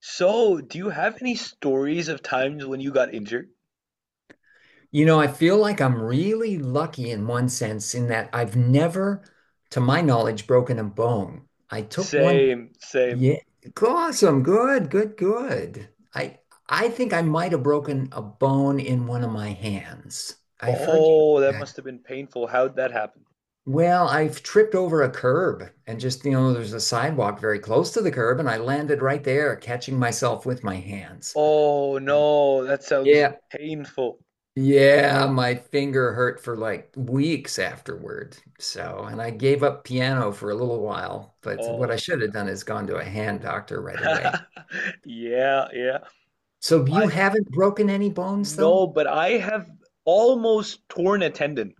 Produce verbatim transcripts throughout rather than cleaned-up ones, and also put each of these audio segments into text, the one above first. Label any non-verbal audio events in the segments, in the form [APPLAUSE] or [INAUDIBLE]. So, do you have any stories of times when you got injured? You know, I feel like I'm really lucky in one sense in that I've never, to my knowledge, broken a bone. I took one, Same, same. yeah, awesome, good, good, good. I I think I might have broken a bone in one of my hands. I've heard you Oh, do that that. must have been painful. How'd that happen? Well, I've tripped over a curb and just, you know, there's a sidewalk very close to the curb and I landed right there, catching myself with my hands. Oh no, that sounds Yeah, painful. Yeah, my finger hurt for like weeks afterward. So, and I gave up piano for a little while, but what I Oh should have done is gone to a hand doctor right no. away. [LAUGHS] Yeah, yeah. So you I haven't broken any bones though? No, but I have almost torn a tendon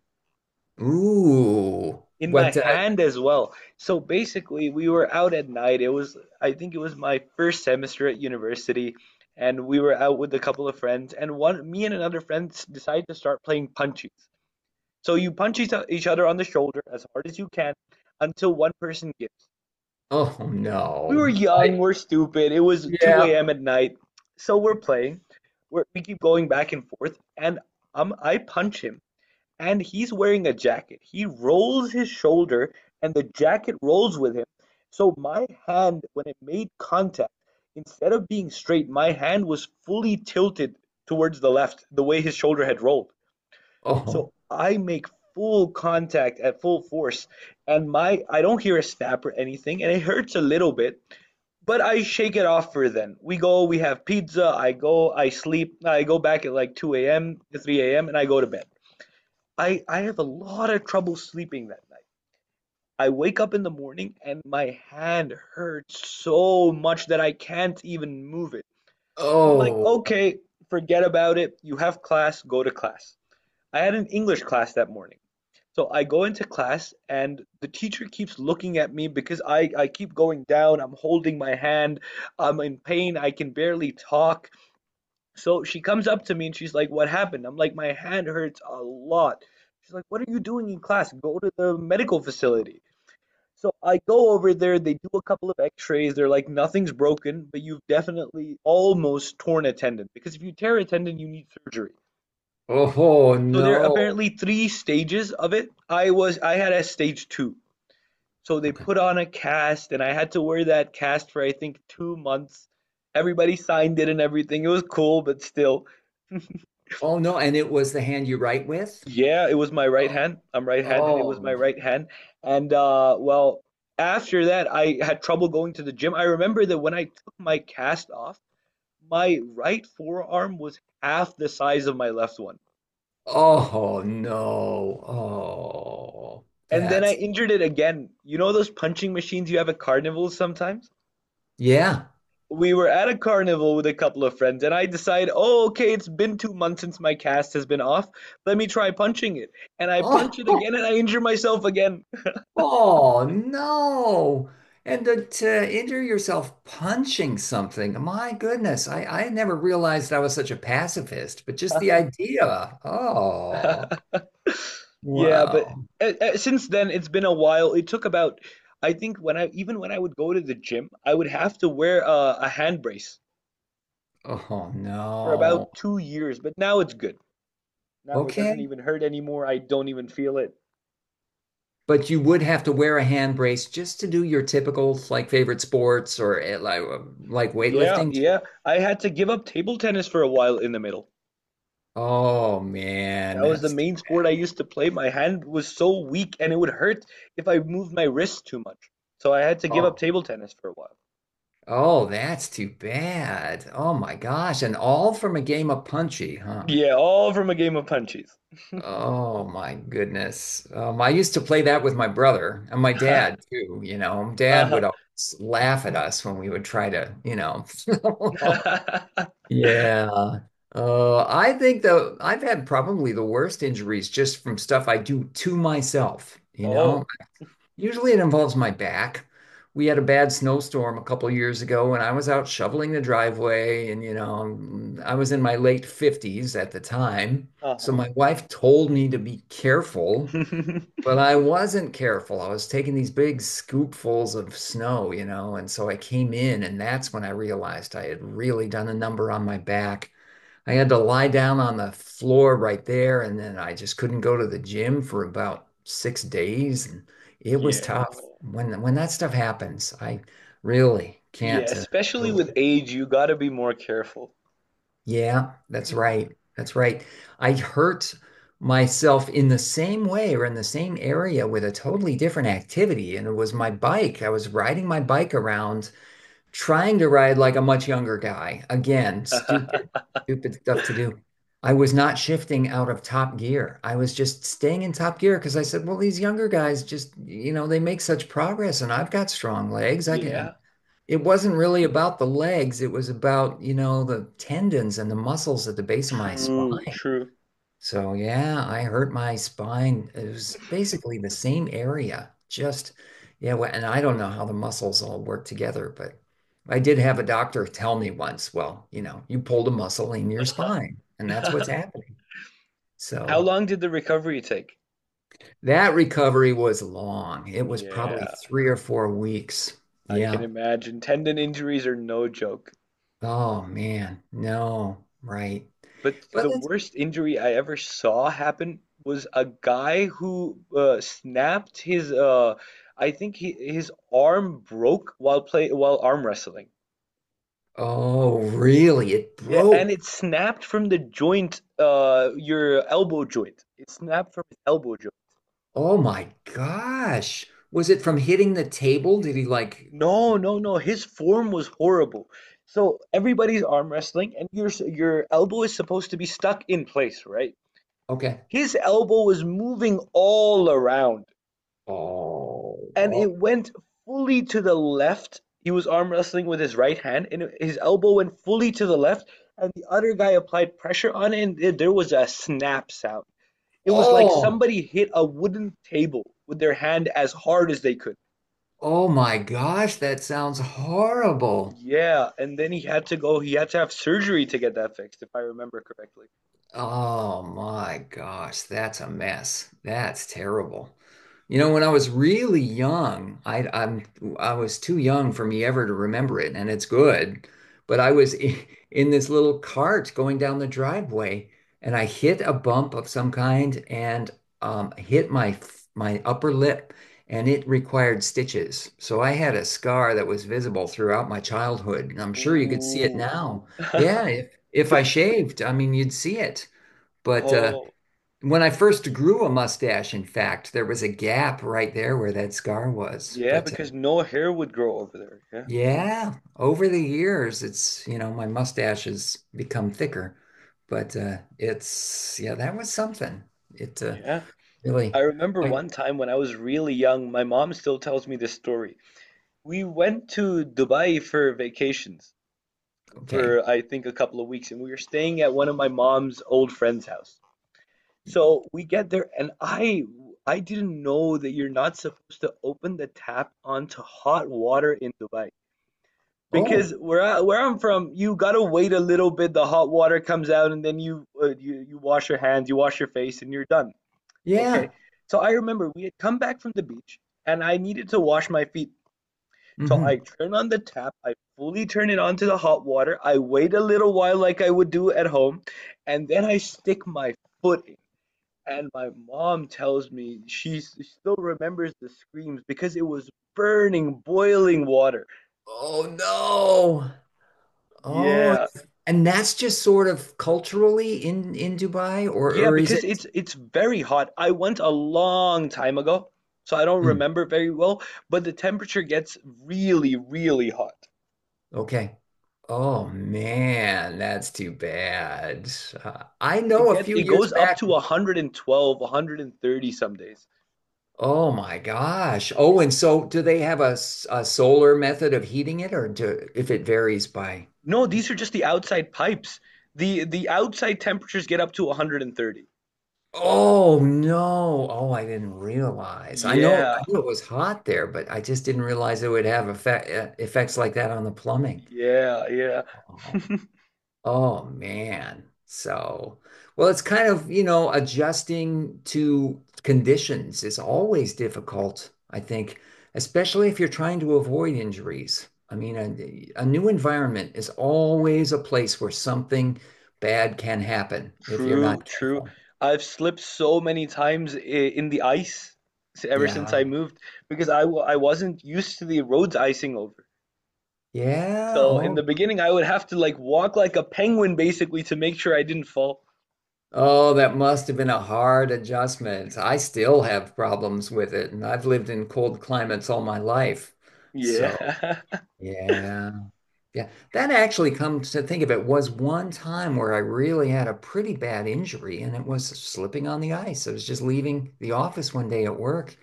Ooh, in my what? Uh, hand as well. So basically, we were out at night. It was, I think it was my first semester at university, and we were out with a couple of friends, and one, me and another friend decided to start playing punchies. So you punch each each other on the shoulder as hard as you can until one person gives. oh We were no. young, I, we're stupid. It was 2 yeah. a.m. at night, so we're playing. We're, we keep going back and forth, and um, I punch him. And he's wearing a jacket. He rolls his shoulder and the jacket rolls with him. So my hand, when it made contact, instead of being straight, my hand was fully tilted towards the left, the way his shoulder had rolled. Oh, So I make full contact at full force, and my I don't hear a snap or anything, and it hurts a little bit, but I shake it off for then. We go, we have pizza, I go, I sleep, I go back at like two a m to three a m, and I go to bed. I I have a lot of trouble sleeping that night. I wake up in the morning and my hand hurts so much that I can't even move it. I'm like, oh, okay, forget about it. You have class, go to class. I had an English class that morning. So I go into class and the teacher keeps looking at me because I, I keep going down. I'm holding my hand. I'm in pain. I can barely talk. So she comes up to me and she's like, "What happened?" I'm like, "My hand hurts a lot." She's like, "What are you doing in class? Go to the medical facility." So I go over there, they do a couple of x-rays. They're like, "Nothing's broken, but you've definitely almost torn a tendon because if you tear a tendon, you need surgery." oh So there are no. apparently three stages of it. I was I had a stage two. So they Okay. put on a cast and I had to wear that cast for I think two months. Everybody signed it and everything. It was cool, but still. Oh no. And it was the hand you write with? Yeah, it was my right Oh, hand. I'm right-handed. It was my oh, right hand. And uh well, after that I had trouble going to the gym. I remember that when I took my cast off, my right forearm was half the size of my left one. oh no. Oh, And then I that's. injured it again. You know those punching machines you have at carnivals sometimes? Yeah. We were at a carnival with a couple of friends, and I decide, oh, okay, it's been two months since my cast has been off. Let me try punching it. And I punch it Oh, again, and I injure myself again. [LAUGHS] oh no. And to, to injure yourself punching something, my goodness, I, I never realized I was such a pacifist, but just the idea. Oh, [LAUGHS] Yeah, but wow. uh, uh, since then it's been a while. It took about, I think when I even when I would go to the gym, I would have to wear a, a hand brace Oh for no. about two years. But now it's good. Now it doesn't Okay. even hurt anymore. I don't even feel it. But you would have to wear a hand brace just to do your typical like favorite sports or eh, like like Yeah, weightlifting. yeah. I had to give up table tennis for a while in the middle. Oh man, That was the that's main sport I used to play. My hand was so weak and it would hurt if I moved my wrist too much. So I had to give up oh. table tennis for a while. Oh, that's too bad. Oh my gosh. And all from a game of Punchy, huh? Yeah, all from a game of punches. [LAUGHS] Oh my goodness. Um, I used to play that with my brother and my dad too, you know. Dad Uh-huh. would always laugh at us when we would try to, you know. [LAUGHS] [LAUGHS] Yeah. Uh, I think the I've had probably the worst injuries just from stuff I do to myself, you know. Oh, Usually it involves my back. We had a bad snowstorm a couple years ago, and I was out shoveling the driveway, and you know, I was in my late fifties at the time. So uh-huh. my wife told me to be careful, [LAUGHS] but I wasn't careful. I was taking these big scoopfuls of snow, you know, and so I came in, and that's when I realized I had really done a number on my back. I had to lie down on the floor right there, and then I just couldn't go to the gym for about six days, and it was Yeah. tough. Oh, When when no. that stuff happens, I really Yeah, can't uh, especially deal with with it. age, you gotta be more careful. Yeah, that's [LAUGHS] right. That's right. I hurt myself in the same way or in the same area with a totally different activity, and it was my bike. I was riding my bike around trying to ride like a much younger guy. Again, stupid, stupid stuff to do. I was not shifting out of top gear. I was just staying in top gear because I said, well, these younger guys just, you know, they make such progress and I've got strong legs. I can. Yeah. It wasn't really about the legs. It was about, you know, the tendons and the muscles at the base of my True, spine. true. So yeah, I hurt my spine. It was basically the same area, just yeah. wh- And I don't know how the muscles all work together, but I did have a doctor tell me once, well, you know, you pulled a muscle in your Uh-huh. spine, and that's what's happening. [LAUGHS] How So long did the recovery take? that recovery was long. It was probably Yeah, three or four weeks. I can Yeah. imagine. Tendon injuries are no joke. Oh man, no, right. But But the it's, worst injury I ever saw happen was a guy who uh, snapped his uh I think he, his arm broke while play while arm wrestling. oh, really? It Yeah, and broke. it snapped from the joint, uh your elbow joint. It snapped from his elbow joint. Oh my gosh. Was it from hitting the table? Did he like, No, no, no. His form was horrible. So everybody's arm wrestling and your your elbow is supposed to be stuck in place, right? okay. His elbow was moving all around. Oh, And it oh, went fully to the left. He was arm wrestling with his right hand, and his elbow went fully to the left. And the other guy applied pressure on it, and there was a snap sound. It was like oh, somebody hit a wooden table with their hand as hard as they could. oh my gosh, that sounds horrible. Yeah, and then he had to go, he had to have surgery to get that fixed, if I remember correctly. Oh my gosh, that's a mess. That's terrible. You know, when I was really young, I I'm I was too young for me ever to remember it, and it's good. But I was [LAUGHS] i- in this little cart going down the driveway, and I hit a bump of some kind and um, hit my my upper lip, and it required stitches. So I had a scar that was visible throughout my childhood, and I'm sure you could see it Ooh. now. [LAUGHS] Yeah, yeah. If I shaved, I mean, you'd see it. But uh, Oh, when I first grew a mustache, in fact, there was a gap right there where that scar was. yeah, But uh, because no hair would grow over there. Yeah. yeah, over the years, it's, you know, my mustache has become thicker. But uh, it's, yeah, that was something. It uh, Yeah. I really, remember like, one time when I was really young, my mom still tells me this story. We went to Dubai for vacations okay. for I think a couple of weeks, and we were staying at one of my mom's old friend's house. So we get there, and I I didn't know that you're not supposed to open the tap onto hot water in Dubai. Because Oh, where I, where I'm from, you gotta wait a little bit. The hot water comes out, and then you uh, you you wash your hands, you wash your face, and you're done. Okay. yeah. So I remember we had come back from the beach and I needed to wash my feet. So I hmm turn on the tap, I fully turn it onto the hot water. I wait a little while like I would do at home, and then I stick my foot in. And my mom tells me she still remembers the screams because it was burning, boiling water. Oh no. Oh, Yeah. and that's just sort of culturally in in Dubai, or Yeah, or is because it? it's it's very hot. I went a long time ago, so I don't Mm-hmm. remember very well, but the temperature gets really, really hot. Okay. Oh man, that's too bad. Uh, I It know a get few it years goes up back. to one hundred twelve, one hundred thirty some days. Oh my gosh. Oh, and so do they have a, s- a solar method of heating it, or do if it varies by? No, these are just the outside pipes. The the outside temperatures get up to one hundred thirty. Oh no. Oh, I didn't realize. I know Yeah. I knew it was hot there, but I just didn't realize it would have effect, uh, effects like that on the plumbing. Yeah, yeah. Oh, [LAUGHS] oh man. So, well, it's kind of, you know, adjusting to conditions is always difficult, I think, especially if you're trying to avoid injuries. I mean, a, a new environment is always a place where something bad can happen if you're True, not true. careful. I've slipped so many times i- in the ice s- ever since I Yeah. moved because I w- I wasn't used to the roads icing over. Yeah. So in Oh, the beginning, I would have to like walk like a penguin basically to make sure I didn't fall. oh, that must have been a hard adjustment. I still have problems with it, and I've lived in cold climates all my life. So, Yeah. yeah. Yeah, that actually comes to think of it was one time where I really had a pretty bad injury and it was slipping on the ice. I was just leaving the office one day at work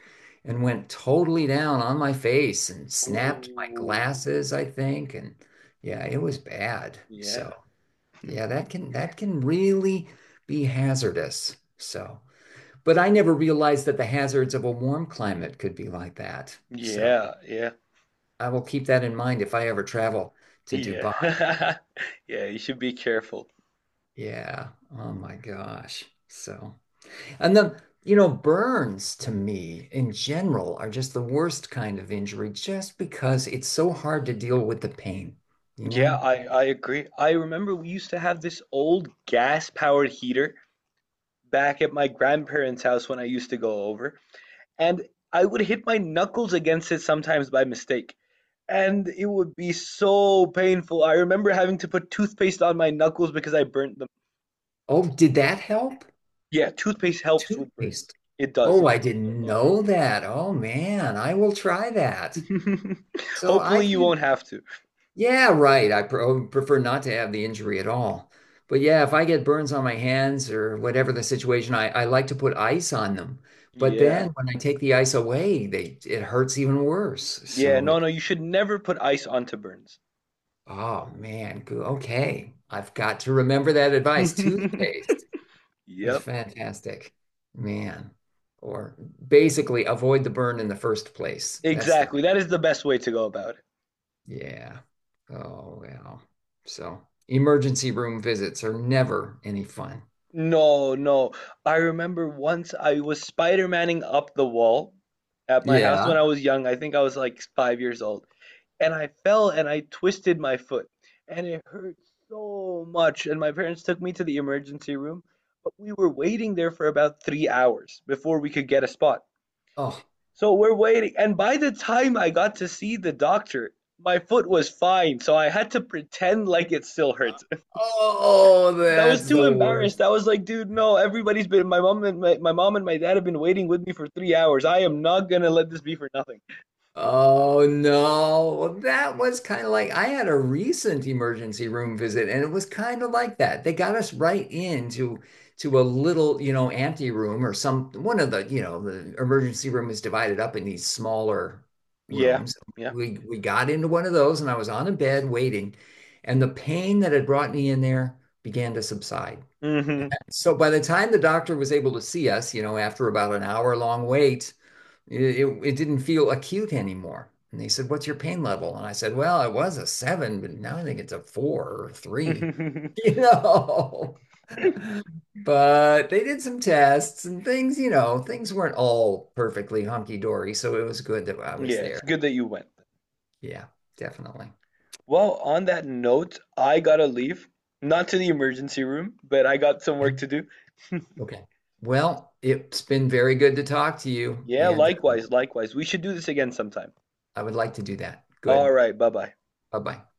and went totally down on my face and [LAUGHS] snapped my Ooh, glasses, I think. And yeah, it was bad. yeah. So yeah, that can that can really be hazardous. So, but I never realized that the hazards of a warm climate could be like that. So Yeah, yeah, I will keep that in mind if I ever travel to Dubai. yeah. [LAUGHS] Yeah, you should be careful. Yeah. Oh my gosh. So, and then, you know, burns to me in general are just the worst kind of injury just because it's so hard to deal with the pain, you Yeah, know? I I agree. I remember we used to have this old gas-powered heater back at my grandparents' house when I used to go over, and I would hit my knuckles against it sometimes by mistake, and it would be so painful. I remember having to put toothpaste on my knuckles because I burnt them. Oh, did that help? Yeah, toothpaste helps with burns. Toothpaste. It does. Oh, It I helps a didn't lot. know that. Oh man, I will try that. [LAUGHS] So Hopefully I've you used won't have to. yeah, right. I pre- I would prefer not to have the injury at all. But yeah, if I get burns on my hands or whatever the situation, I, I like to put ice on them. But Yeah. then when I take the ice away, they it hurts even worse. Yeah, So no, it, no, you should never put ice onto burns. oh man, go- okay. I've got to remember that advice. Toothpaste. [LAUGHS] That's Yep. fantastic. Man. Or basically avoid the burn in the first place. That's the Exactly. That is the best way to go about it. yeah. Oh, well. So emergency room visits are never any fun. No, no. I remember once I was Spider-Manning up the wall at my house when Yeah. I was young. I think I was like five years old. And I fell and I twisted my foot. And it hurt so much. And my parents took me to the emergency room. But we were waiting there for about three hours before we could get a spot. Oh, So we're waiting. And by the time I got to see the doctor, my foot was fine. So I had to pretend like it still hurts. [LAUGHS] oh, I was that's too the worst. embarrassed. I was like, dude, no, everybody's been my mom and my, my mom and my dad have been waiting with me for three hours. I am not gonna let this be for nothing. Oh no. Well, that was kind of like I had a recent emergency room visit and it was kind of like that. They got us right into to a little, you know, ante room or some one of the, you know, the emergency room is divided up in these smaller Yeah, rooms. yeah. We we got into one of those and I was on a bed waiting and the pain that had brought me in there began to subside. Hmm. So by the time the doctor was able to see us, you know, after about an hour long wait, it, it, it didn't feel acute anymore. And they said, what's your pain level? And I said, well, it was a seven, but now I think it's a four or [LAUGHS] Yeah, three, you know. [LAUGHS] But they did some tests and things, you know, things weren't all perfectly hunky dory. So it was good that I was it's there. good that you went. Yeah, definitely. Well, on that note, I gotta leave. Not to the emergency room, but I got some work Okay. to do. Okay. Well, it's been very good to talk to you, Yeah, and uh, likewise, likewise. We should do this again sometime. I would like to do that. All Good. right, bye bye. Bye bye.